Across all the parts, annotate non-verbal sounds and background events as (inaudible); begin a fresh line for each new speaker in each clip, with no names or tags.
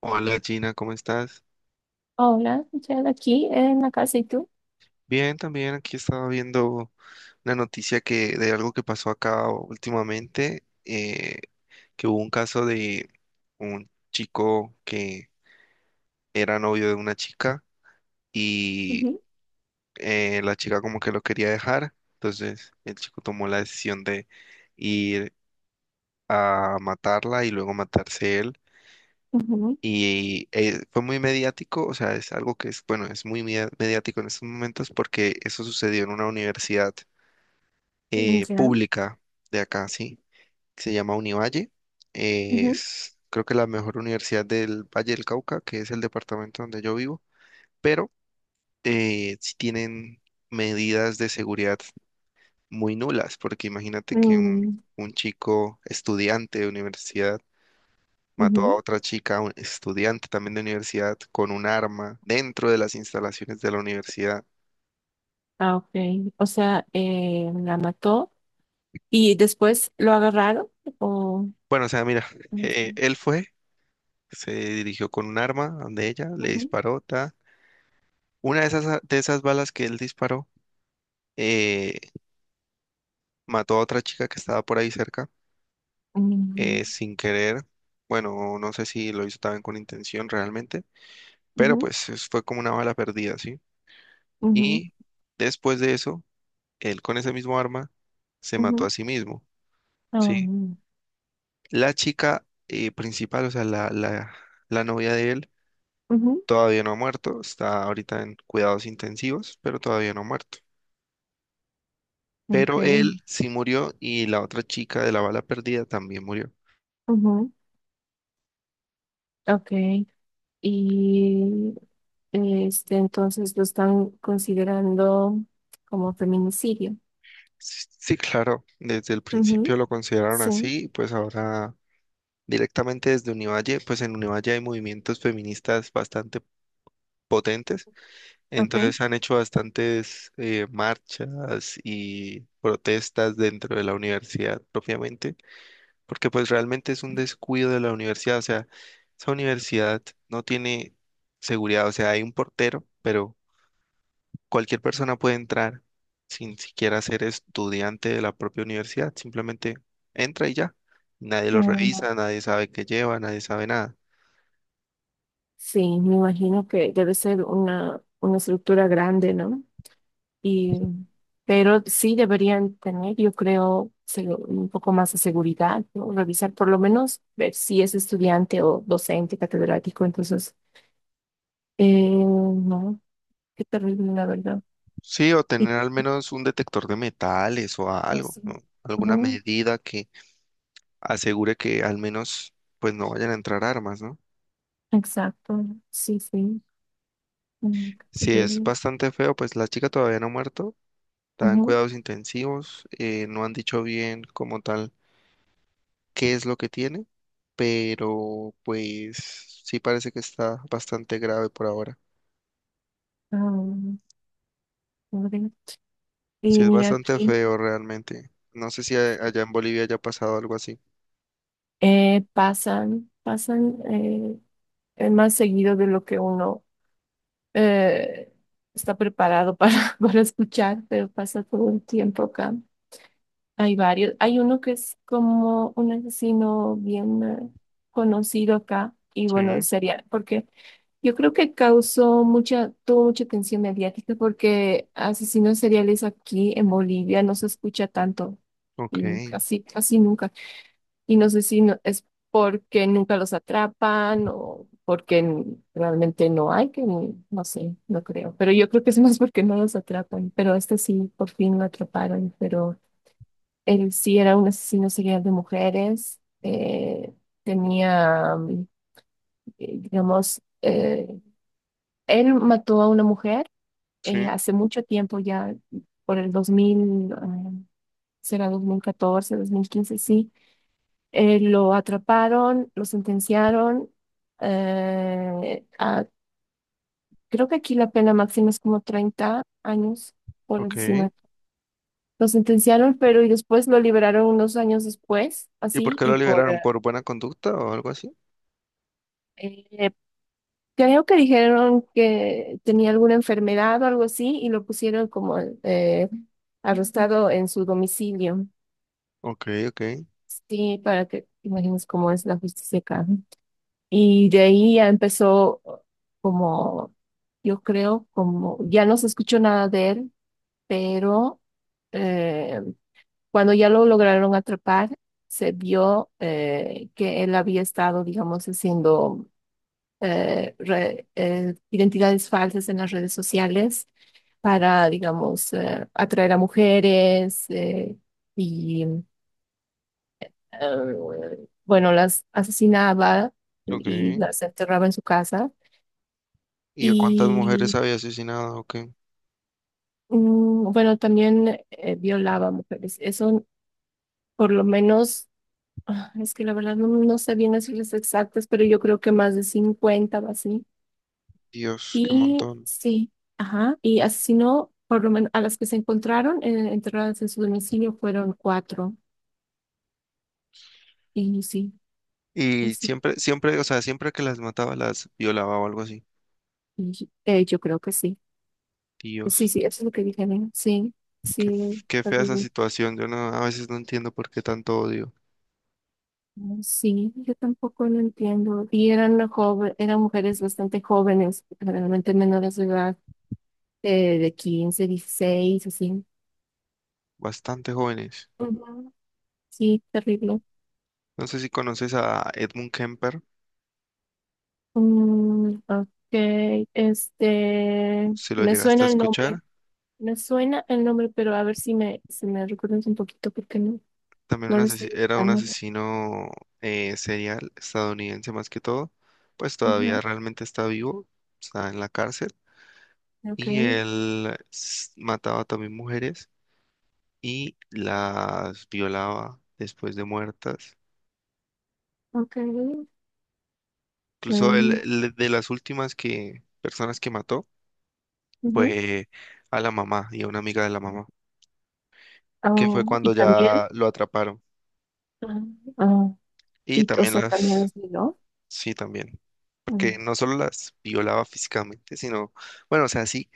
Hola Gina, ¿cómo estás?
Hola, ya de aquí en la casa, ¿y tú?
Bien, también aquí estaba viendo una noticia que de algo que pasó acá últimamente, que hubo un caso de un chico que era novio de una chica y
Ujú,
la chica como que lo quería dejar, entonces el chico tomó la decisión de ir a matarla y luego matarse él.
ujú,
Y fue muy mediático, o sea, es algo que es, bueno, es mediático en estos momentos porque eso sucedió en una universidad
ya.
pública de acá, sí, que se llama Univalle.
Ujú,
Es creo que la mejor universidad del Valle del Cauca, que es el departamento donde yo vivo, pero sí tienen medidas de seguridad muy nulas, porque imagínate que
mm,
un chico estudiante de universidad mató a
ujú.
otra chica, un estudiante también de universidad, con un arma dentro de las instalaciones de la universidad.
Ah, ok. O sea, la mató y después lo agarraron o
Bueno, o sea, mira,
no sé.
él fue, se dirigió con un arma donde ella, le
Ujú,
disparó, ta. Una de esas balas que él disparó, eh, mató a otra chica que estaba por ahí cerca,
mm,
sin querer. Bueno, no sé si lo hizo también con intención realmente, pero
ujú,
pues fue como una bala perdida, ¿sí?
ujú,
Y después de eso, él con ese mismo arma se mató a
ujú.
sí mismo. ¿Sí?
Ah,
La chica principal, o sea, la novia de él,
ujú,
todavía no ha muerto, está ahorita en cuidados intensivos, pero todavía no ha muerto.
ok.
Pero él sí murió y la otra chica de la bala perdida también murió.
Ujú, ok. Y entonces lo están considerando como feminicidio.
Sí, sí, claro, desde el principio
Ujú,
lo consideraron
sí,
así, pues ahora directamente desde Univalle, pues en Univalle hay movimientos feministas bastante potentes,
ok.
entonces han hecho bastantes marchas y protestas dentro de la universidad propiamente porque pues realmente es un descuido de la universidad, o sea, esa universidad no tiene seguridad, o sea, hay un portero, pero cualquier persona puede entrar sin siquiera ser estudiante de la propia universidad, simplemente entra y ya, nadie lo
Ah,
revisa, nadie sabe qué lleva, nadie sabe nada.
sí, me imagino que debe ser una estructura grande, ¿no? Y, pero sí deberían tener, yo creo, un poco más de seguridad, ¿no? Revisar por lo menos, ver si es estudiante o docente, catedrático. Entonces, eh, no, qué terrible, la verdad.
Sí, o
Y
tener al menos un detector de metales o algo,
eso.
¿no? Alguna
Ujú,
medida que asegure que al menos pues no vayan a entrar armas, ¿no?
exacto, sí, sí, mm, qué
Si es
terrible.
bastante feo, pues la chica todavía no ha muerto, está en
Ujú,
cuidados intensivos, no han dicho bien como tal qué es lo que tiene, pero pues sí parece que está bastante grave por ahora.
ah, pobre.
Sí,
Y
es
mira
bastante
aquí,
feo realmente. No sé si
sí,
allá en Bolivia haya pasado algo así.
pasan, pasan. Es más seguido de lo que uno eh, está preparado para, (laughs) para escuchar, pero pasa todo el tiempo acá. Hay varios. Hay uno que es como un asesino bien conocido acá y bueno,
Sí,
sería porque yo creo que causó mucha, tuvo mucha atención mediática porque asesinos seriales aquí en Bolivia no se escucha tanto
ok,
y casi, casi nunca. Y no sé si es porque nunca los atrapan o porque realmente no hay, que no sé, no creo. Pero yo creo que es (laughs) más porque no los atrapan. Pero este sí, por fin lo atraparon. Pero él sí era un asesino serial de mujeres. Tenía, digamos, él mató a una mujer
sí,
hace mucho tiempo ya, por el 2000, ah, será 2014, 2015, sí. Lo atraparon, lo sentenciaron. eh, a- creo que aquí la pena máxima es como 30 años por
ok.
asesinato. Lo sentenciaron, pero y después lo liberaron unos años después,
¿Y por
así,
qué lo
y por.
liberaron? ¿Por buena conducta o algo así?
Eh, creo que dijeron que tenía alguna enfermedad o algo así, y lo pusieron como eh, arrestado en su domicilio.
Ok, ok,
Sí, para que imagines cómo es la justicia acá. Y de ahí ya empezó como, yo creo, como, ya no se escuchó nada de él, pero eh, cuando ya lo lograron atrapar, se vio que él había estado, digamos, haciendo identidades falsas en las redes sociales para, digamos, atraer a mujeres y, bueno, las asesinaba
ok.
y las enterraba en su casa.
¿Y a cuántas mujeres
Y
había asesinado? Ok,
bueno, también violaba mujeres. Eso por lo menos, ah, es que la verdad no, no sé bien las cifras exactas, pero yo creo que más de 50 o así.
Dios, qué
Y
montón.
sí, ajá, y asesinó por lo menos a las que se encontraron enterradas en su domicilio fueron cuatro. Y sí,
Y
así,
siempre, siempre, o sea, siempre que las mataba, las violaba o algo así.
y, yo creo que sí. Sí,
Dios,
sí, eso es lo que dijeron. Sí,
qué,
sí,
qué fea esa situación. Yo no, a veces no entiendo por qué tanto odio.
mm, sí, yo tampoco lo entiendo. Y eran joven, eran mujeres bastante jóvenes, realmente menores de edad, de 15, 16, así.
Bastante jóvenes.
Ujú. Sí, terrible.
No sé si conoces a Edmund Kemper,
Mm, ok,
si lo
me
llegaste a
suena el nombre,
escuchar.
me suena el nombre, pero a ver si me recuerdas un poquito porque no,
También
no
un
lo estoy
era un
gritando.
asesino serial estadounidense más que todo. Pues todavía
Ujú,
realmente está vivo, está en la cárcel.
ok,
Y mataba también mujeres y las violaba después de muertas.
ok.
Incluso
Mm,
él de las últimas personas que mató,
ujú.
pues a la mamá y a una amiga de la mamá, que fue
Oh, y
cuando
también,
ya lo atraparon.
ah, ah,
Y
y, o
también
sea, también
las,
es de.
sí, también, porque no solo las violaba físicamente, sino, bueno, o sea, sí,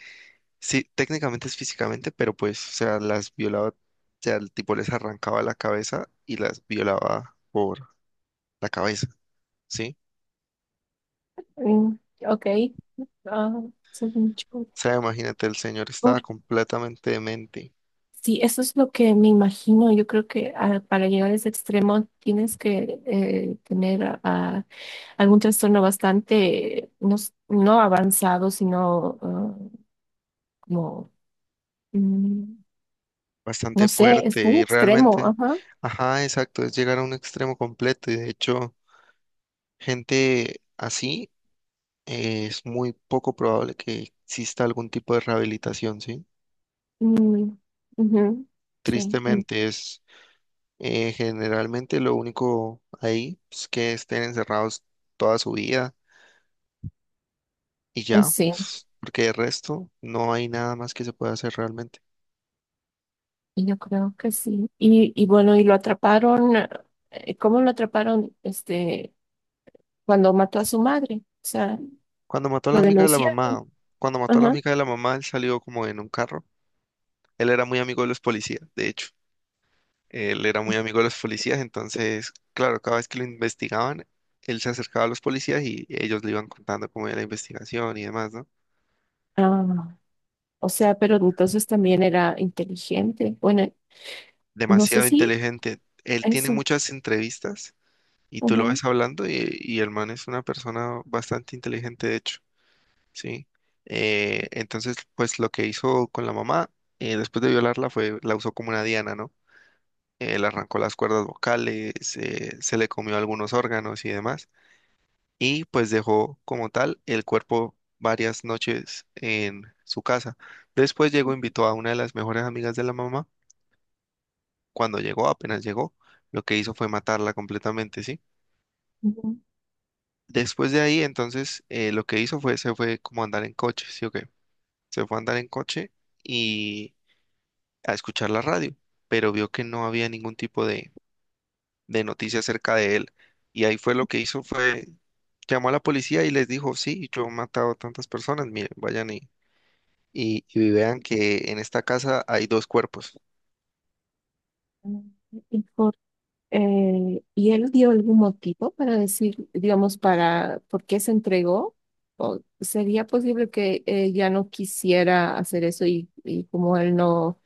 sí, técnicamente es físicamente, pero pues, o sea, las violaba, o sea, el tipo les arrancaba la cabeza y las violaba por la cabeza, ¿sí?
Mm, ok. Ah, según yo,
O sea, imagínate, el señor estaba
por-
completamente demente,
sí, eso es lo que me imagino. Yo creo que para llegar a ese extremo tienes que tener algún trastorno bastante, no, no avanzado, sino como, mm, no
bastante
sé, es
fuerte
muy
y
extremo.
realmente,
Ajá.
ajá, exacto, es llegar a un extremo completo y de hecho... Gente así es muy poco probable que exista algún tipo de rehabilitación, ¿sí?
Mm, ujú. Sí,
Tristemente es generalmente lo único ahí es que estén encerrados toda su vida y ya,
sí,
porque de resto no hay nada más que se pueda hacer realmente.
y yo creo que sí. Y bueno, y lo atraparon. ¿Cómo lo atraparon? Cuando mató a su madre, o sea,
Cuando mató a la
lo
amiga de la
denunciaron.
mamá, cuando mató a la
Ajá.
amiga de la mamá, él salió como en un carro. Él era muy amigo de los policías, de hecho. Él era muy amigo de los policías, entonces, claro, cada vez que lo investigaban, él se acercaba a los policías y ellos le iban contando cómo era la investigación y demás, ¿no?
Ah, o sea, pero entonces también era inteligente. Bueno, no sé
Demasiado
si
inteligente. Él tiene
eso.
muchas entrevistas y tú lo
Ujú,
ves hablando y el man es una persona bastante inteligente, de hecho, ¿sí? Entonces, pues lo que hizo con la mamá, después de violarla, fue, la usó como una diana, ¿no? Le arrancó las cuerdas vocales, se le comió algunos órganos y demás y pues dejó como tal el cuerpo varias noches en su casa. Después llegó, invitó a una de las mejores amigas de la mamá. Cuando llegó, apenas llegó, lo que hizo fue matarla completamente, ¿sí?
ujú.
Después de ahí, entonces, lo que hizo fue, se fue como a andar en coche, ¿sí o qué? Se fue a andar en coche y a escuchar la radio, pero vio que no había ningún tipo de noticia acerca de él. Y ahí fue lo que hizo, fue, llamó a la policía y les dijo, sí, yo he matado a tantas personas, miren, vayan y y vean que en esta casa hay dos cuerpos. (laughs)
Y, ¿y él dio algún motivo para decir, digamos, para por qué se entregó? ¿O sería posible que ya no quisiera hacer eso y como él no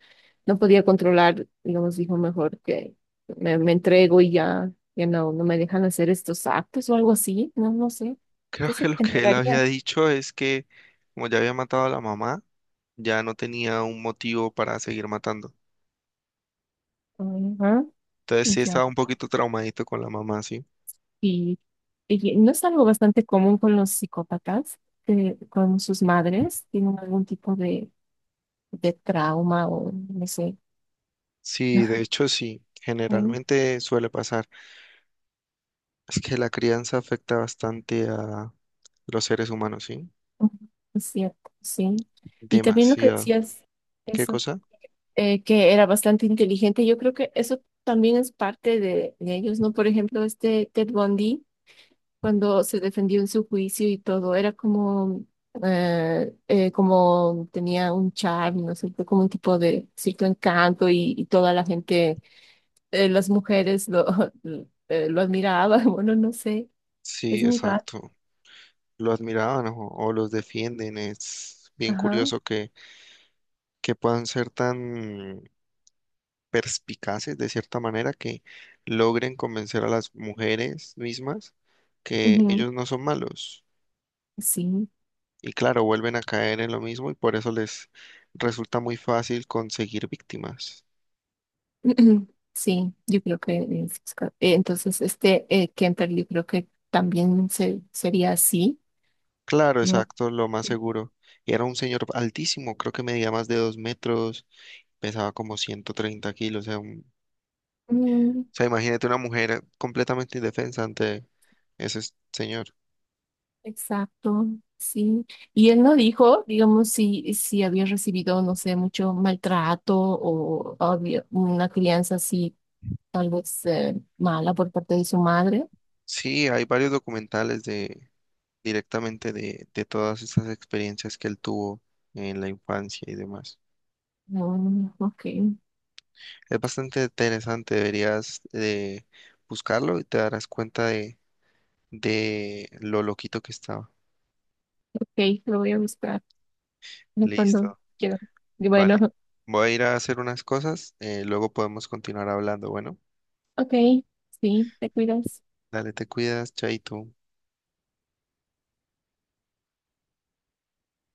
no podía controlar, digamos, dijo mejor que me entrego y ya, ya no, no me dejan hacer estos actos o algo así, no, no sé,
Creo
¿qué
que
se
lo que él
entregaría?
había dicho es que como ya había matado a la mamá, ya no tenía un motivo para seguir matando.
Ajá,
Entonces sí
ya.
estaba un poquito traumadito con la mamá, sí.
Y, y no es algo bastante común con los psicópatas, que con sus madres tienen algún tipo de trauma o no sé.
Sí, de
(laughs)
hecho sí,
Mm,
generalmente suele pasar. Es que la crianza afecta bastante a los seres humanos, sí.
mm, es cierto, sí. Y también lo que
Demasiado.
decías,
¿Qué
eso.
cosa?
Que era bastante inteligente. Yo creo que eso también es parte de ellos, ¿no? Por ejemplo, este Ted Bundy, cuando se defendió en su juicio y todo, era como, como tenía un charme, ¿no es cierto? Como un tipo de cierto encanto y toda la gente, las mujeres lo, (laughs) lo admiraban, (laughs) bueno, no sé, es
Sí,
muy raro.
exacto. Lo admiraban o los defienden. Es bien
Ajá.
curioso que puedan ser tan perspicaces de cierta manera que logren convencer a las mujeres mismas que
Ujú,
ellos no son malos.
sí.
Y claro, vuelven a caer en lo mismo y por eso les resulta muy fácil conseguir víctimas.
(clears throat) Ujú. Sí, yo creo que entonces Kemper yo creo que también se, sería así,
Claro,
¿no?
exacto, lo más seguro. Y era un señor altísimo, creo que medía más de 2 metros, pesaba como 130 kilos. O sea, un-
Mm,
o sea, imagínate una mujer completamente indefensa ante ese señor.
exacto, sí. Y él no dijo, digamos, si había recibido, no sé, mucho maltrato o había una crianza así, tal vez mala por parte de su madre.
Sí, hay varios documentales de directamente de todas estas experiencias que él tuvo en la infancia y demás.
Mm, ok,
Es bastante interesante, deberías buscarlo y te darás cuenta de lo loquito que estaba.
ok, lo voy a buscar, ¿no? Cuando
Listo,
quiera. Y
vale.
bueno, (laughs)
Voy a ir a hacer unas cosas, luego podemos continuar hablando. Bueno,
ok, sí, te cuidas.
dale, te cuidas, chaito.